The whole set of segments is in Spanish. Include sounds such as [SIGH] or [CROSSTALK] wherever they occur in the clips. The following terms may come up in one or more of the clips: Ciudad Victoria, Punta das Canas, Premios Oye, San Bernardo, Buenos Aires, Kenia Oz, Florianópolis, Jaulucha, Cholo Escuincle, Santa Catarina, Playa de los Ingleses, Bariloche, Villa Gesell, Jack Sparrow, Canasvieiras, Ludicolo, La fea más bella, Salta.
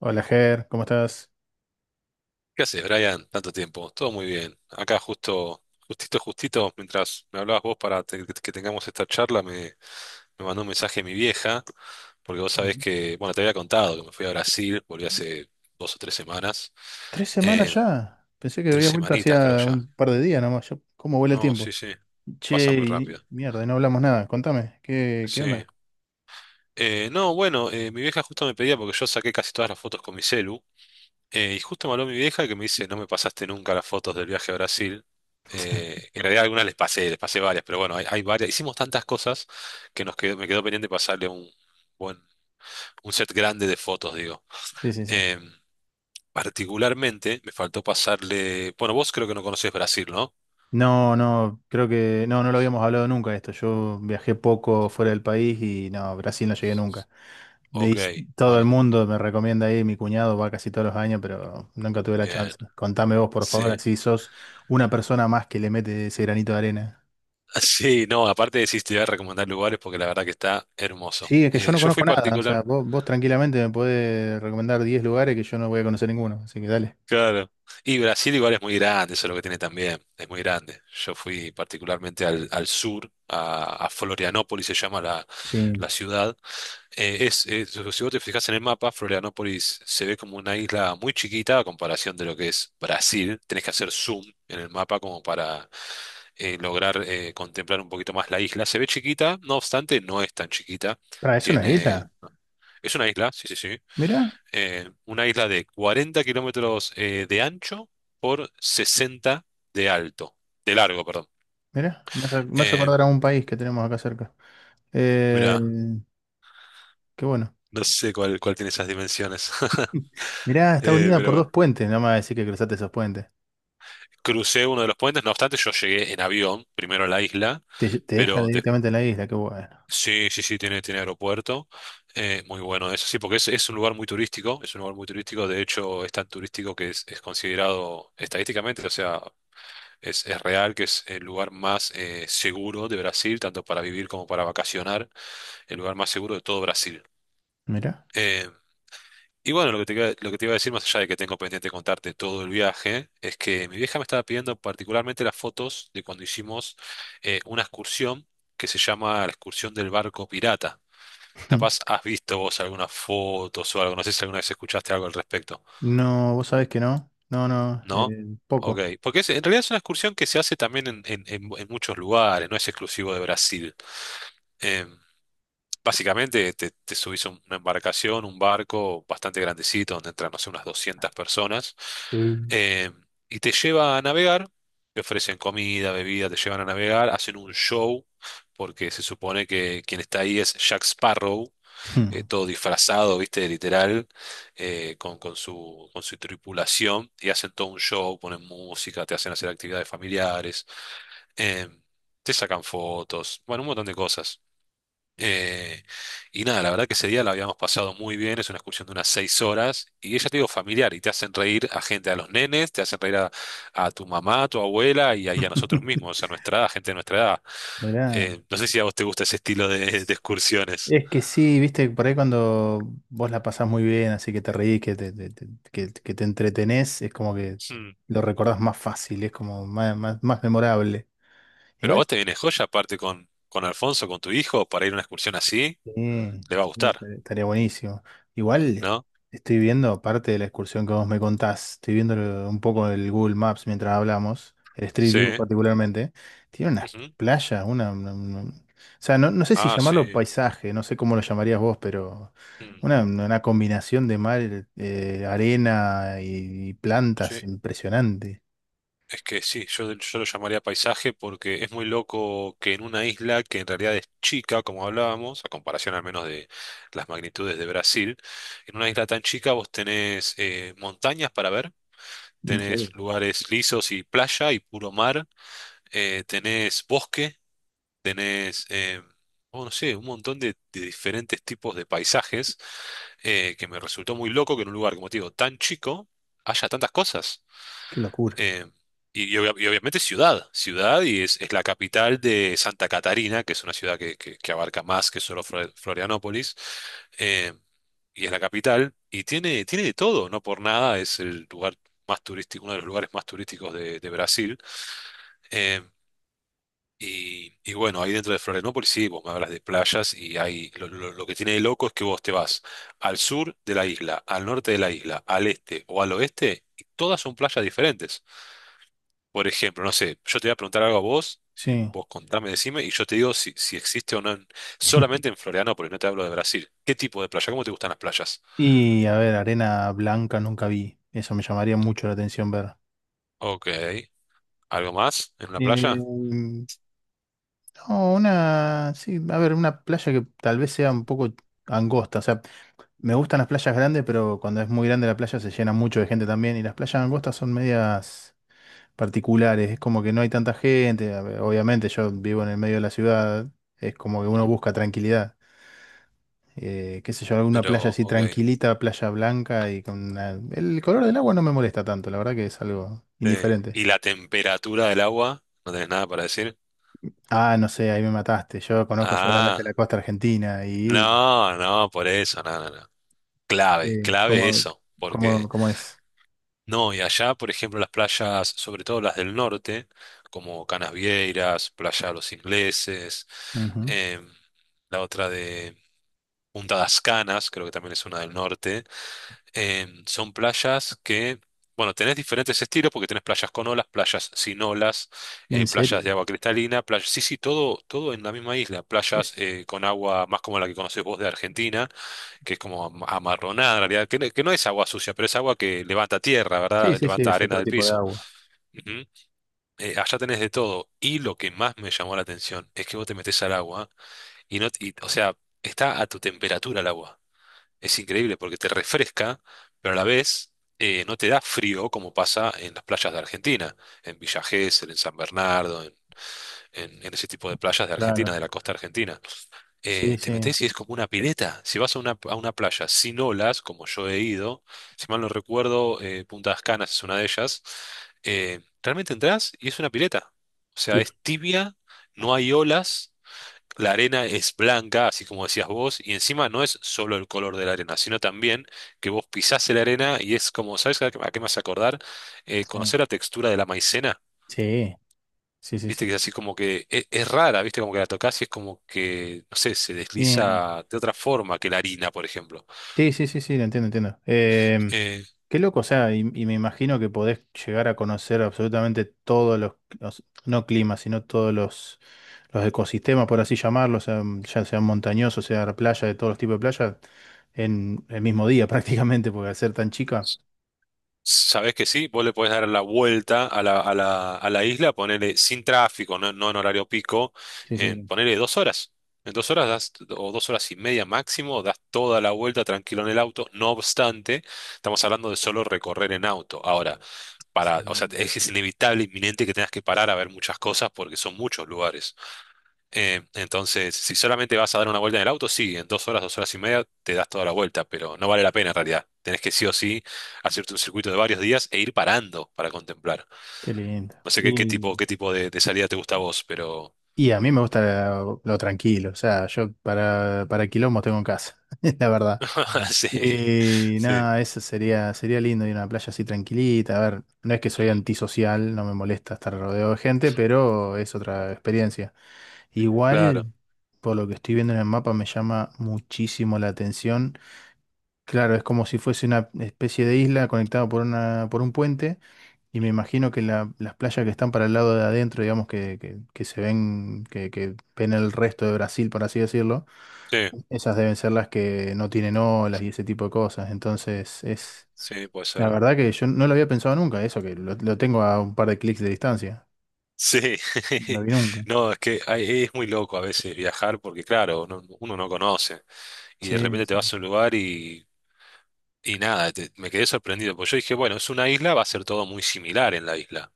Hola, Ger, ¿cómo estás? ¿Qué haces, Brian? Tanto tiempo. Todo muy bien. Acá justo, justito, justito, mientras me hablabas vos para que tengamos esta charla, me mandó un mensaje mi vieja, porque vos sabés Ujú. que, bueno, te había contado que me fui a Brasil, volví hace dos o tres semanas. Tres semanas Eh, ya. Pensé que Tres había vuelto semanitas creo hacía ya. un par de días nomás. ¿Cómo vuela el No, tiempo? sí, sí. Pasa Che, muy rápido. mierda, y no hablamos nada. Contame, ¿qué Sí. onda? No, bueno, mi vieja justo me pedía, porque yo saqué casi todas las fotos con mi celu. Y justo me habló mi vieja que me dice, no me pasaste nunca las fotos del viaje a Brasil. [LAUGHS] En realidad algunas les pasé varias, pero bueno, hay varias. Hicimos tantas cosas que nos quedó, me quedó pendiente pasarle un buen, un set grande de fotos, digo. Sí, sí, sí. Eh, Particularmente me faltó pasarle. Bueno, vos creo que no conocés Brasil, ¿no? No, no, creo que no, no lo habíamos hablado nunca esto. Yo viajé poco fuera del país y no, Brasil no llegué nunca. Ok, De, Todo el bueno, mundo me recomienda ir, mi cuñado va casi todos los años, pero nunca tuve la bien. chance. Contame vos, por favor, Sí. así [LAUGHS] sos una persona más que le mete ese granito de arena. Sí, no, aparte de decís, te voy a recomendar lugares porque la verdad que está hermoso. Sí, es que yo no Yo fui conozco nada. O sea, particular. vos tranquilamente me podés recomendar 10 lugares que yo no voy a conocer ninguno. Así que dale. Claro. Y Brasil igual es muy grande, eso es lo que tiene también, es muy grande. Yo fui particularmente al sur, a Florianópolis se llama la, Sí. la ciudad. Si vos te fijas en el mapa, Florianópolis se ve como una isla muy chiquita a comparación de lo que es Brasil. Tenés que hacer zoom en el mapa como para lograr contemplar un poquito más la isla. Se ve chiquita, no obstante, no es tan chiquita. Para, ¿es una Tiene, isla? es una isla, sí, sí, sí, Mirá, una isla de 40 km kilómetros de ancho por 60 de alto, de largo, perdón. mirá. Me hace Eh, acordar a un país que tenemos acá cerca. Eh, Mira, Qué bueno. no sé cuál, cuál tiene esas dimensiones. [LAUGHS] [LAUGHS] Mirá, está unida Pero por bueno, dos puentes. No me vas a decir que cruzaste esos puentes. crucé uno de los puentes, no obstante yo llegué en avión primero a la isla, Te deja pero de- directamente en la isla. Qué bueno. sí, sí, sí, tiene, tiene aeropuerto, muy bueno eso, sí, porque es un lugar muy turístico, es un lugar muy turístico, de hecho es tan turístico que es considerado estadísticamente, o sea, es real que es el lugar más seguro de Brasil, tanto para vivir como para vacacionar, el lugar más seguro de todo Brasil. Mirá. Eh, lo que te iba a decir, más allá de que tengo pendiente contarte todo el viaje, es que mi vieja me estaba pidiendo particularmente las fotos de cuando hicimos una excursión que se llama la excursión del barco pirata. Capaz [LAUGHS] has visto vos algunas fotos o algo, no sé si alguna vez escuchaste algo al respecto, No, vos sabés que no. No, no. ¿no? Ok, Poco. En realidad es una excursión que se hace también en muchos lugares, no es exclusivo de Brasil. Eh, Básicamente te subís a una embarcación, un barco bastante grandecito, donde entran, no sé, unas 200 personas, Eh. eh, y te lleva a navegar, te ofrecen comida, bebida, te llevan a navegar, hacen un show, porque se supone que quien está ahí es Jack Sparrow, todo disfrazado, viste, literal, con su tripulación, y hacen todo un show, ponen música, te hacen hacer actividades familiares, eh, te sacan fotos, bueno, un montón de cosas. Eh, y nada, la verdad que ese día la habíamos pasado muy bien, es una excursión de unas 6 horas, y ella te digo familiar, y te hacen reír a gente, a los nenes, te hacen reír a tu mamá, a tu abuela y a nosotros [LAUGHS] mismos, a nuestra edad, gente de nuestra edad. Mirá. No sé si a vos te gusta ese estilo de excursiones. Es que sí, viste, por ahí cuando vos la pasás muy bien, así que te reís, que te entretenés, es como que Hmm. lo recordás más fácil, es como más, más, más memorable. Pero a Igual vos te viene joya, aparte con Alfonso, con tu hijo, para ir a una excursión así, Sí, le va a sí, gustar, estaría buenísimo. Igual ¿no? estoy viendo, parte de la excursión que vos me contás, estoy viendo un poco el Google Maps mientras hablamos, el Street Sí. View particularmente, tiene unas Ujú. playas, o sea, no, no sé si Ah, llamarlo sí. paisaje, no sé cómo lo llamarías vos, pero Hmm. una combinación de mar, arena y plantas Sí. impresionante. Es que sí, yo lo llamaría paisaje porque es muy loco que en una isla que en realidad es chica, como hablábamos, a comparación al menos de las magnitudes de Brasil, en una isla tan chica vos tenés montañas para ver, En tenés serio. lugares lisos y playa y puro mar, tenés bosque, tenés, oh, no sé, un montón de diferentes tipos de paisajes que me resultó muy loco que en un lugar, como te digo, tan chico haya tantas cosas. Qué locura. Eh, y obviamente ciudad, ciudad y es la capital de Santa Catarina, que es una ciudad que abarca más que solo Florianópolis, eh, y es la capital y tiene, tiene de todo, no por nada es el lugar más turístico, uno de los lugares más turísticos de Brasil. Eh, y bueno, ahí dentro de Florianópolis, sí, vos me hablas de playas y ahí lo que tiene de loco es que vos te vas al sur de la isla, al norte de la isla, al este o al oeste, y todas son playas diferentes. Por ejemplo, no sé, yo te voy a preguntar algo a vos, y Sí. vos contame, decime, y yo te digo si, existe o no, en- solamente [LAUGHS] en Florianópolis, no te hablo de Brasil. ¿Qué tipo de playa? ¿Cómo te gustan las playas? Y a ver, arena blanca nunca vi, eso me llamaría mucho la atención ver. Ok, ¿algo más en una Eh, playa? no, sí, a ver, una playa que tal vez sea un poco angosta. O sea, me gustan las playas grandes, pero cuando es muy grande la playa se llena mucho de gente también. Y las playas angostas son medias particulares. Es como que no hay tanta gente. A ver, obviamente, yo vivo en el medio de la ciudad. Es como que uno Ujú. busca tranquilidad. Qué sé yo, alguna playa Pero, así ok. tranquilita, playa blanca y el color del agua no me molesta tanto, la verdad que es algo Sí. indiferente. ¿Y la temperatura del agua? ¿No tenés nada para decir? Ah, no sé, ahí me mataste. Yo conozco solamente Ah, la costa argentina y no, no, por eso, no, no, no. Clave, Eh, clave ¿cómo, eso, cómo, porque cómo es? no, y allá, por ejemplo, las playas, sobre todo las del norte, como Canasvieiras, Playa de los Ingleses, Ujú. em, la otra de Punta das Canas, creo que también es una del norte, son playas que, bueno, tenés diferentes estilos porque tenés playas con olas, playas sin olas, ¿En playas serio? de agua cristalina, playas, sí, sí, todo, todo en la misma isla, playas Es, con agua más como la que conocés vos de Argentina que es como amarronada en realidad, que no es agua sucia, pero es agua que levanta tierra, sí, ¿verdad? sí, sí, Levanta es arena otro del tipo de piso. agua. Ujú. Allá tenés de todo. Y lo que más me llamó la atención es que vos te metés al agua y no, y, o sea, está a tu temperatura el agua. Es increíble porque te refresca, pero a la vez no te da frío como pasa en las playas de Argentina, en Villa Gesell, en San Bernardo, en ese tipo de playas de Argentina, Claro. de la costa argentina, Sí, te sí. metes y es como una pileta. Si vas a una playa sin olas, como yo he ido, si mal no recuerdo, Punta Las Canas es una de ellas, realmente entras y es una pileta. O Y- sea, es tibia, no hay olas, la arena es blanca, así como decías vos, y encima no es solo el color de la arena, sino también que vos pisás la arena y es como, ¿sabes a qué me hace acordar? ¿Conocer la textura de la maicena? Sí, sí, sí, sí. Viste que es así como es, rara, viste como que la tocas y es como que, no sé, se Bien. desliza de otra forma que la harina, por ejemplo. Sí, sí, sí, sí, lo entiendo, entiendo. Eh, Qué loco, o sea, y me imagino que podés llegar a conocer absolutamente no climas, sino todos los ecosistemas, por así llamarlos, o sea ya sean montañosos, sea playa, de todos los tipos de playas, en el mismo día [LAUGHS] prácticamente, porque al ser tan chica. Sabés que sí, vos le podés dar la vuelta a la isla, ponerle sin tráfico, no, no en horario pico, Sí, en sí, ponerle 2 horas. En dos horas das, o 2 horas y media máximo, das toda la vuelta tranquilo en el auto. No obstante, estamos hablando de solo recorrer en auto. Ahora, para, o sea, sí. es inevitable, inminente que tengas que parar a ver muchas cosas porque son muchos lugares. Entonces, si solamente vas a dar una vuelta en el auto, sí, en 2 horas, 2 horas y media te das toda la vuelta, pero no vale la pena en realidad. Tenés que sí o sí hacerte un circuito de varios días e ir parando para contemplar. Qué lindo. No sé qué, Y, qué tipo de salida te gusta a vos, pero y a mí me gusta tranquilo, o sea, yo para quilombos tengo en casa, [LAUGHS] la verdad. [LAUGHS] sí, Y sí. nada, eso sería lindo ir a una playa así tranquilita. A ver, no es que soy Mm, antisocial, no me molesta estar rodeado de gente, pero es otra experiencia. Igual, claro, por lo que estoy viendo en el mapa, me llama muchísimo la atención. Claro, es como si fuese una especie de isla conectada por por un puente, y me imagino que las playas que están para el lado de adentro, digamos, que se ven, que ven el resto de Brasil, por así decirlo, sí, esas deben ser las que no tienen olas y ese tipo de cosas. Entonces, es sí, puede la ser. verdad que yo no lo había pensado nunca, eso que lo tengo a un par de clics de distancia. Sí, No lo [LAUGHS] vi nunca. no, es que es muy loco a veces viajar porque, claro, uno no conoce y de Sí, repente te vas sí, a un lugar y nada, me quedé sorprendido, porque yo dije, bueno, es una isla, va a ser todo muy similar en la isla.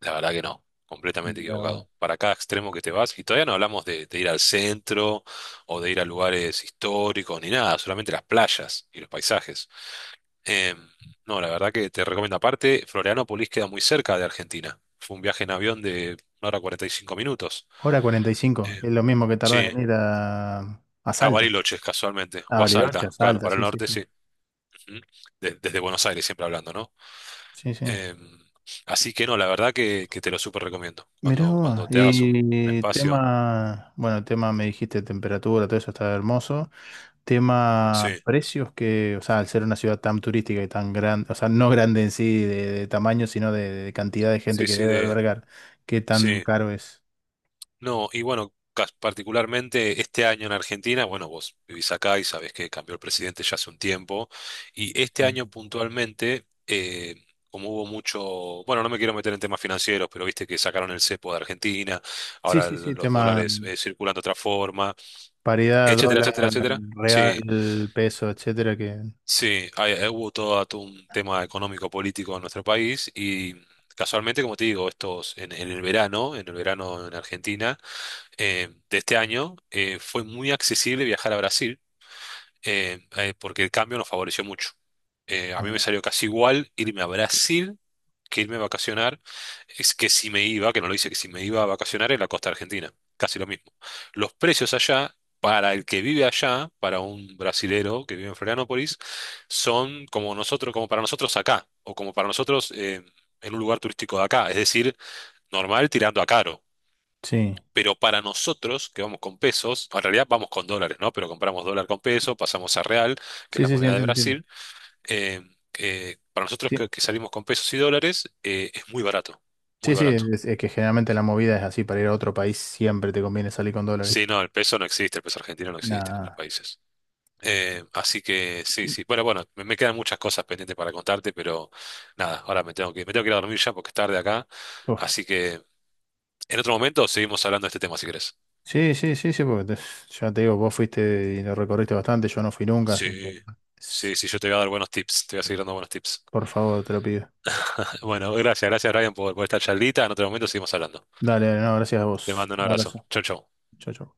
La verdad que no, completamente mirá vos. equivocado. Para cada extremo que te vas, y todavía no hablamos de ir al centro o de ir a lugares históricos ni nada, solamente las playas y los paisajes. Em, no, la verdad que te recomiendo. Aparte, Florianópolis queda muy cerca de Argentina. Fue un viaje en avión de 1 hora 45 minutos. Hora 45, Em, es lo mismo que tardás sí, en ir a a Salta, Bariloche, casualmente, a o a Bariloche, Salta, a claro, Salta, para el sí, sí, norte, sí. sí. Ujú. Desde Buenos Aires, siempre hablando, ¿no? Sí, sí. Em, Así que no, la verdad que te lo súper recomiendo. Mirá Cuando, vos, cuando te hagas un y espacio. tema, bueno, tema me dijiste temperatura, todo eso está hermoso. Tema Sí, precios que, o sea, al ser una ciudad tan turística y tan grande, o sea, no grande en sí de tamaño, sino de cantidad de gente sí, que sí, debe de, albergar, ¿qué tan sí. caro es? No, y bueno, particularmente este año en Argentina, bueno, vos vivís acá y sabés que cambió el presidente ya hace un tiempo. Y este año puntualmente, como hubo mucho, bueno, no me quiero meter en temas financieros, pero viste que sacaron el cepo de Argentina, Sí, ahora sí, sí, los tema dólares circulan de otra forma, paridad, etcétera, dólar, etcétera, etcétera. Sí, real, peso, etcétera, que... sí, hubo todo un tema económico político en nuestro país y mm, casualmente, como te digo, estos en el verano, en el verano en Argentina de este año, fue muy accesible viajar a Brasil, porque el cambio nos favoreció mucho. A mí me Ah, salió casi igual irme a Brasil que irme a vacacionar, es que si me iba, que no lo hice, que si me iba a vacacionar en la costa argentina, casi lo mismo. Los precios allá, para el que vive allá, para un brasilero que vive en Florianópolis, son como nosotros, como para nosotros acá, o como para nosotros en un lugar turístico de acá, es decir, normal tirando a caro. sí, Pero para nosotros, que vamos con pesos, en realidad vamos con dólares, ¿no? Pero compramos dólar con peso, pasamos a real, que es sí, la sí, sí, moneda de entiendo, entiendo. Brasil. eh, para nosotros Sí, que salimos con pesos y dólares, es muy barato, muy sí, sí, barato. es que generalmente la movida es así, para ir a otro país siempre te conviene salir con dólares. Sí, no, el peso no existe, el peso argentino no existe en otros Nada. países. Así que sí, sí. Bueno, bueno, me quedan muchas cosas pendientes para contarte, pero nada, ahora me tengo que ir a dormir ya porque es tarde acá. Uf. Así que en otro momento seguimos hablando de este tema si querés. Sí, sí, sí, sí, porque ya te digo, vos fuiste y lo recorriste bastante, yo no fui nunca, así que Sí, sí, es- sí, yo te voy a dar buenos tips, te voy a seguir dando buenos tips. por favor, te lo pido. Bueno, gracias, gracias Ryan por esta charlita. En otro momento seguimos hablando. Dale, dale, no, gracias a Te vos. mando un Un abrazo. abrazo. Chau, chau. Chau, chau.